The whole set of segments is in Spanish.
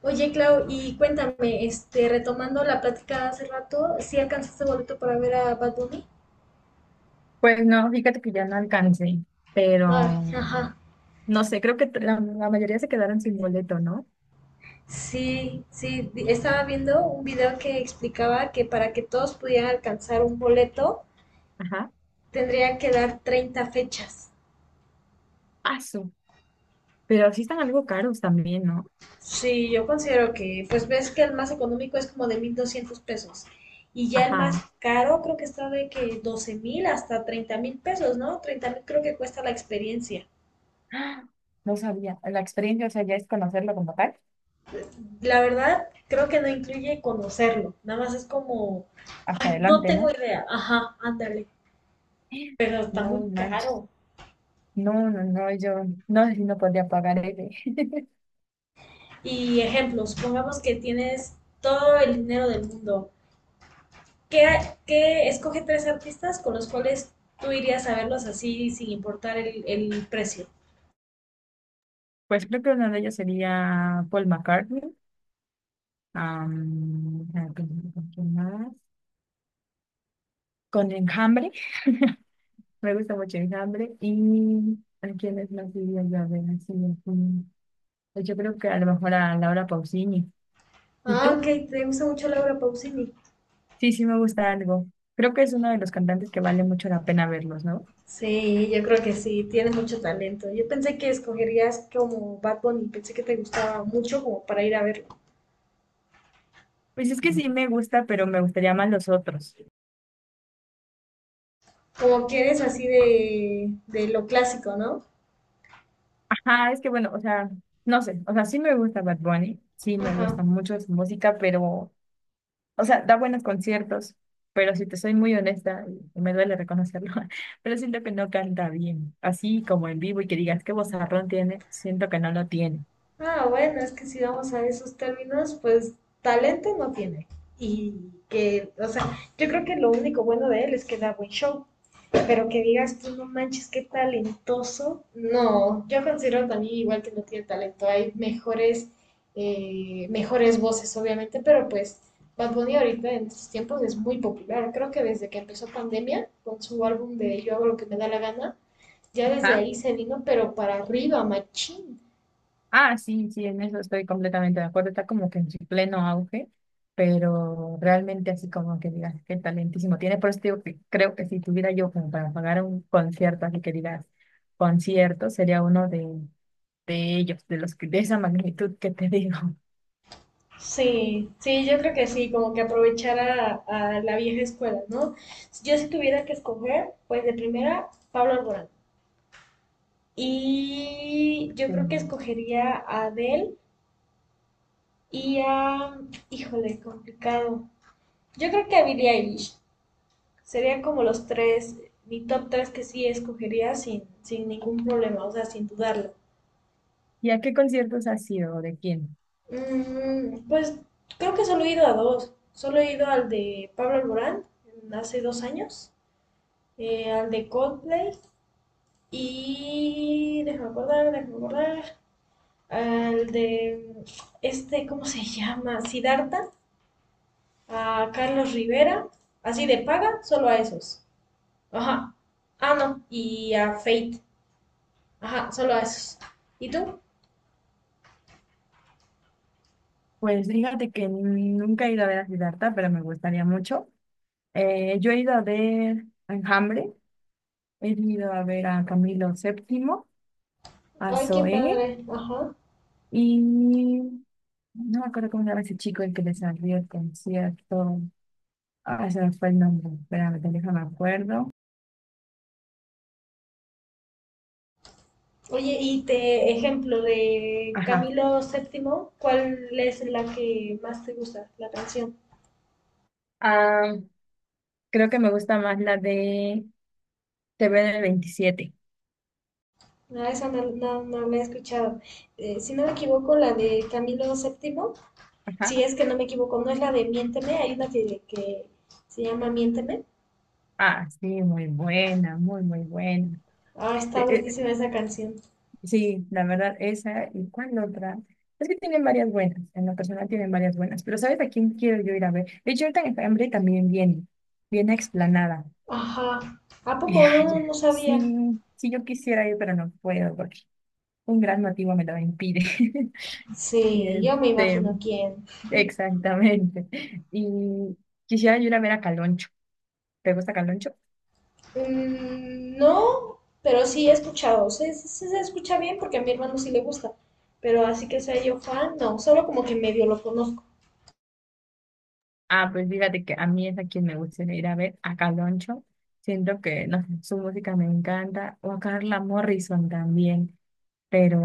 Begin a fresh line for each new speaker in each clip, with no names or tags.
Oye, Clau, y cuéntame, retomando la plática de hace rato, ¿sí alcanzaste boleto para ver a Bad Bunny?
Pues no, fíjate que ya no alcancé,
Ay,
pero
ajá.
no sé, creo que la mayoría se quedaron sin boleto, ¿no?
Sí, sí, estaba viendo un video que explicaba que para que todos pudieran alcanzar un boleto,
Ajá,
tendría que dar 30 fechas.
paso. Pero sí están algo caros también, ¿no?
Sí, yo considero que, pues ves que el más económico es como de 1,200 pesos. Y ya el más
Ajá.
caro creo que está de que 12,000 hasta 30,000 pesos, ¿no? 30,000 creo que cuesta la experiencia.
¡Ah! No sabía. La experiencia, o sea, ya es conocerlo como tal.
La verdad, creo que no incluye conocerlo. Nada más es como,
Hasta
no
adelante,
tengo
¿no?
idea. Ajá, ándale. Pero está
No
muy
manches.
caro.
No, no, no, yo no sé si no podría pagar ese.
Y ejemplo, supongamos que tienes todo el dinero del mundo. ¿Qué, qué escoge tres artistas con los cuales tú irías a verlos así sin importar el precio?
Pues creo que una de ellas sería Paul McCartney, ¿con quién más? Con Enjambre. Me gusta mucho el hambre y a quienes más diría yo, a ver, así, pues yo creo que a lo mejor a Laura Pausini. ¿Y
Ah,
tú?
ok, te gusta mucho Laura Pausini.
Sí, sí me gusta algo. Creo que es uno de los cantantes que vale mucho la pena verlos, ¿no?
Sí, yo creo que sí, tiene mucho talento. Yo pensé que escogerías como Bad Bunny, pensé que te gustaba mucho como para ir a verlo.
Pues es que sí me gusta, pero me gustaría más los otros.
Como que eres así de, lo clásico, ¿no?
Ajá, es que bueno, o sea, no sé, o sea, sí me gusta Bad Bunny, sí me
Ajá.
gusta mucho su música, pero o sea, da buenos conciertos, pero si te soy muy honesta, y me duele reconocerlo, pero siento que no canta bien. Así como en vivo y que digas qué vozarrón tiene, siento que no lo tiene.
Ah, bueno, es que si vamos a esos términos, pues talento no tiene. Y que, o sea, yo creo que lo único bueno de él es que da buen show. Pero que digas tú, no manches, qué talentoso. No, yo considero también igual que no tiene talento. Hay mejores, mejores voces, obviamente, pero pues Bad Bunny ahorita en estos tiempos es muy popular. Creo que desde que empezó pandemia, con su álbum de Yo hago lo que me da la gana, ya desde
Ajá.
ahí se vino, pero para arriba, machín.
Ah, sí, sí, en eso estoy completamente de acuerdo. Está como que en su pleno auge, pero realmente así como que digas qué talentísimo tiene. Por eso te digo que creo que si tuviera yo como para pagar un concierto, así que digas concierto, sería uno de ellos, de los que de esa magnitud que te digo.
Sí, sí, yo creo que sí, como que aprovechar a, la vieja escuela, ¿no? Yo si tuviera que escoger, pues de primera, Pablo Alborán. Y yo
Sí.
creo que escogería a Adele y a... Híjole, complicado. Yo creo que a Billie Eilish. Serían como los tres, mi top tres que sí escogería sin ningún problema, o sea, sin dudarlo.
¿Y a qué conciertos has sido? ¿O de quién?
Pues creo que solo he ido a dos. Solo he ido al de Pablo Alborán, hace 2 años, al de Coldplay y déjame acordar, al de ¿cómo se llama? Siddhartha, a Carlos Rivera, así de paga, solo a esos. Ajá. Ah, no, y a Fate. Ajá, solo a esos. ¿Y tú?
Pues fíjate que nunca he ido a ver a Siddhartha, pero me gustaría mucho. Yo he ido a ver a Enjambre, he ido a ver a Camilo Séptimo, a
Ay, qué
Zoé,
padre. Ajá.
y no me acuerdo cómo se llama ese chico el que les salió el concierto. Ah, se me fue el nombre, espérame, déjame acuerdo.
Oye, y te ejemplo de
Ajá.
Camilo Séptimo, ¿cuál es la que más te gusta, la canción?
Ah, creo que me gusta más la de TV del 27.
No, esa no, no la he escuchado. Si no me equivoco, la de Camilo Séptimo, si
Ajá.
es que no me equivoco, no es la de Miénteme, hay una que se llama Miénteme.
Ah, sí, muy buena, muy, muy buena.
Ah, está
Eh, eh,
buenísima esa canción.
Sí, la verdad, esa y cuál otra. Es que tienen varias buenas, en lo personal tienen varias buenas, pero ¿sabes a quién quiero yo ir a ver? De hecho, ahorita en Hambre también viene, viene a Explanada.
Ajá. ¿A
Y
poco
ay,
no sabía?
sí, sí, yo quisiera ir, pero no puedo porque un gran motivo me lo impide. Y
Sí, yo me
este,
imagino quién.
exactamente. Y quisiera yo ir a ver a Caloncho. ¿Te gusta Caloncho?
No, pero sí he escuchado. Se escucha bien porque a mi hermano sí le gusta. Pero así que sea yo fan, no, solo como que medio lo conozco.
Ah, pues fíjate que a mí es a quien me gustaría ir a ver, a Caloncho. Siento que no sé, su música me encanta, o a Carla Morrison también, pero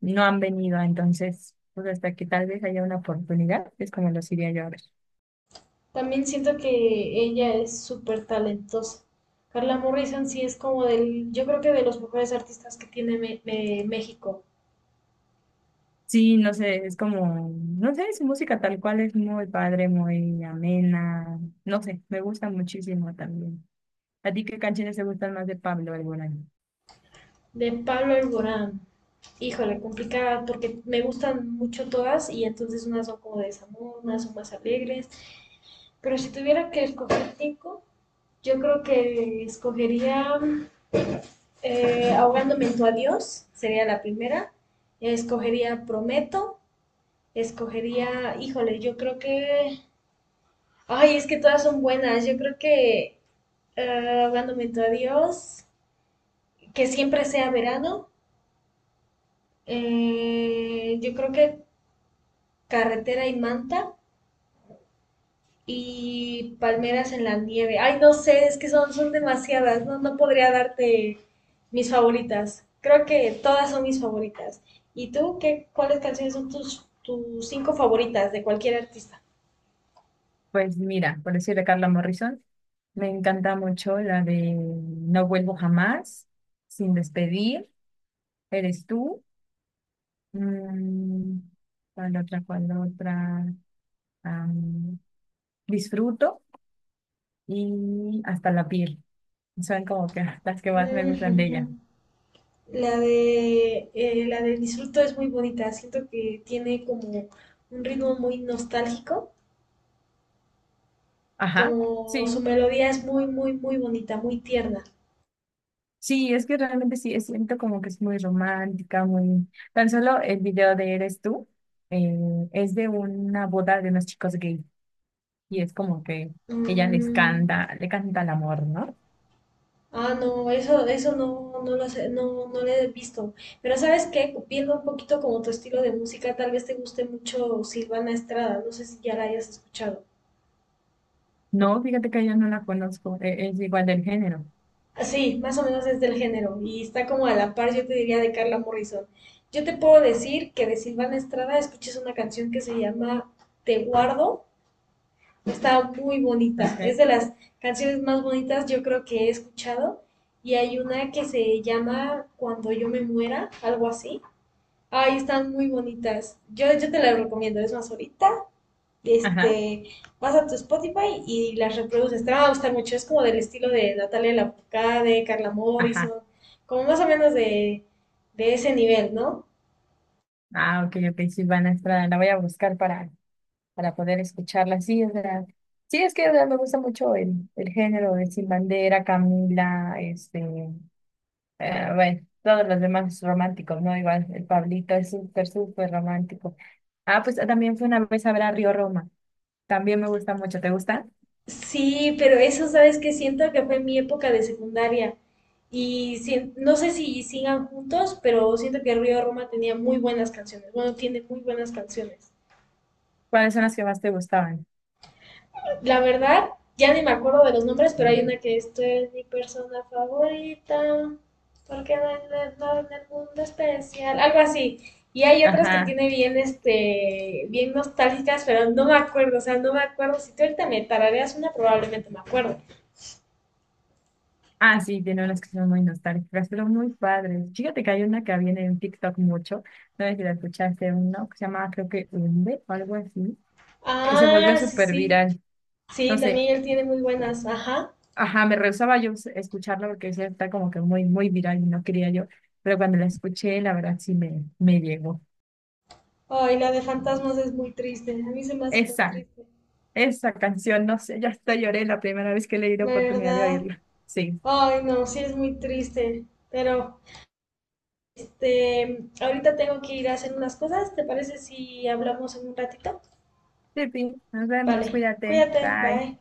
no han venido, entonces, pues hasta que tal vez haya una oportunidad, es como los iría yo a ver.
También siento que ella es súper talentosa. Carla Morrison sí es como del, yo creo que de los mejores artistas que tiene México.
Sí, no sé, es como, no sé, su música tal cual es muy padre, muy amena, no sé, me gusta muchísimo también. ¿A ti qué canciones te gustan más de Pablo Alborán?
De Pablo Alborán. Híjole, complicada porque me gustan mucho todas y entonces unas son como de desamor, unas son más alegres. Pero si tuviera que escoger cinco, yo creo que escogería. Ahogándome en tu adiós sería la primera. Escogería Prometo. Escogería, híjole, yo creo que... Ay, es que todas son buenas. Yo creo que ahogándome en tu adiós, que siempre sea verano. Yo creo que Carretera y Manta. Y Palmeras en la Nieve. Ay, no sé, es que son demasiadas, no podría darte mis favoritas. Creo que todas son mis favoritas. ¿Y tú qué, cuáles canciones son tus cinco favoritas de cualquier artista?
Pues mira, por decir de Carla Morrison, me encanta mucho la de No vuelvo jamás, Sin despedir, Eres tú, mm, ¿cuál otra, cuál otra? Am, disfruto y Hasta la piel. Son como que las que más me gustan de ella.
Mm. La de Disfruto es muy bonita, siento que tiene como un ritmo muy nostálgico,
Ajá,
como su
sí.
melodía es muy, muy, muy bonita, muy tierna.
Sí, es que realmente sí, siento como que es muy romántica, muy... Tan solo el video de Eres tú, eh, es de una boda de unos chicos gay, y es como que ella les
Mm.
canta, le canta el amor, ¿no?
Ah, no, eso no, lo sé, no lo he visto. Pero ¿sabes qué? Viendo un poquito como tu estilo de música, tal vez te guste mucho Silvana Estrada. No sé si ya la hayas escuchado.
No, fíjate que yo no la conozco, es igual del género,
Ah, sí, más o menos es del género y está como a la par, yo te diría, de Carla Morrison. Yo te puedo decir que de Silvana Estrada escuches una canción que se llama Te guardo. Está muy bonita. Es
¿ok?
de las canciones más bonitas yo creo que he escuchado. Y hay una que se llama Cuando yo me muera, algo así. Ay, están muy bonitas. Yo te las recomiendo. Es más, ahorita,
Ajá,
este, vas a tu Spotify y las reproduces. Te van a gustar mucho. Es como del estilo de Natalia Lafourcade, Carla Morrison,
ajá.
como más o menos de, ese nivel, ¿no?
Ah, ok, ok, Silvana Estrada, la voy a buscar para poder escucharla. Sí, es verdad. Sí, es que o sea, me gusta mucho el género de Sin Bandera, Camila, este, bueno, todos los demás románticos, ¿no? Igual el Pablito es súper, súper romántico. Ah, pues también fue una vez a ver a Río Roma. También me gusta mucho. ¿Te gusta?
Sí, pero eso, ¿sabes que siento que fue mi época de secundaria. Y no sé si sigan juntos, pero siento que Río Roma tenía muy buenas canciones. Bueno, tiene muy buenas canciones.
¿Cuáles son las que más te gustaban?
La verdad, ya ni me acuerdo de los nombres, pero hay una que esto es mi persona favorita, porque no hay nada en el mundo especial, algo así. Y hay otras que
Ajá.
tiene bien nostálgicas, pero no me acuerdo, o sea, no me acuerdo. Si tú ahorita me tarareas una, probablemente me acuerdo.
Ah, sí, tiene unas que son muy nostálgicas, pero muy padres. Fíjate que hay una que viene en TikTok mucho, no sé si la escuchaste, uno que se llama creo que Umbe o algo así. Se volvió
Ah, sí,
súper
sí.
viral.
Sí,
No sé,
también él tiene muy buenas, ajá.
ajá, me rehusaba yo escucharla porque decía, está como que muy, muy viral y no quería yo, pero cuando la escuché, la verdad sí me llegó.
Ay, la de fantasmas es muy triste, a mí se me hace muy
Esa,
triste,
esa canción, no sé, ya hasta lloré la primera vez que le di la oportunidad de
¿verdad?
oírla. Sí.
Ay, no, sí es muy triste, pero ahorita tengo que ir a hacer unas cosas. ¿Te parece si hablamos en un ratito?
Sí, nos vemos,
Vale,
cuídate,
cuídate,
bye.
bye.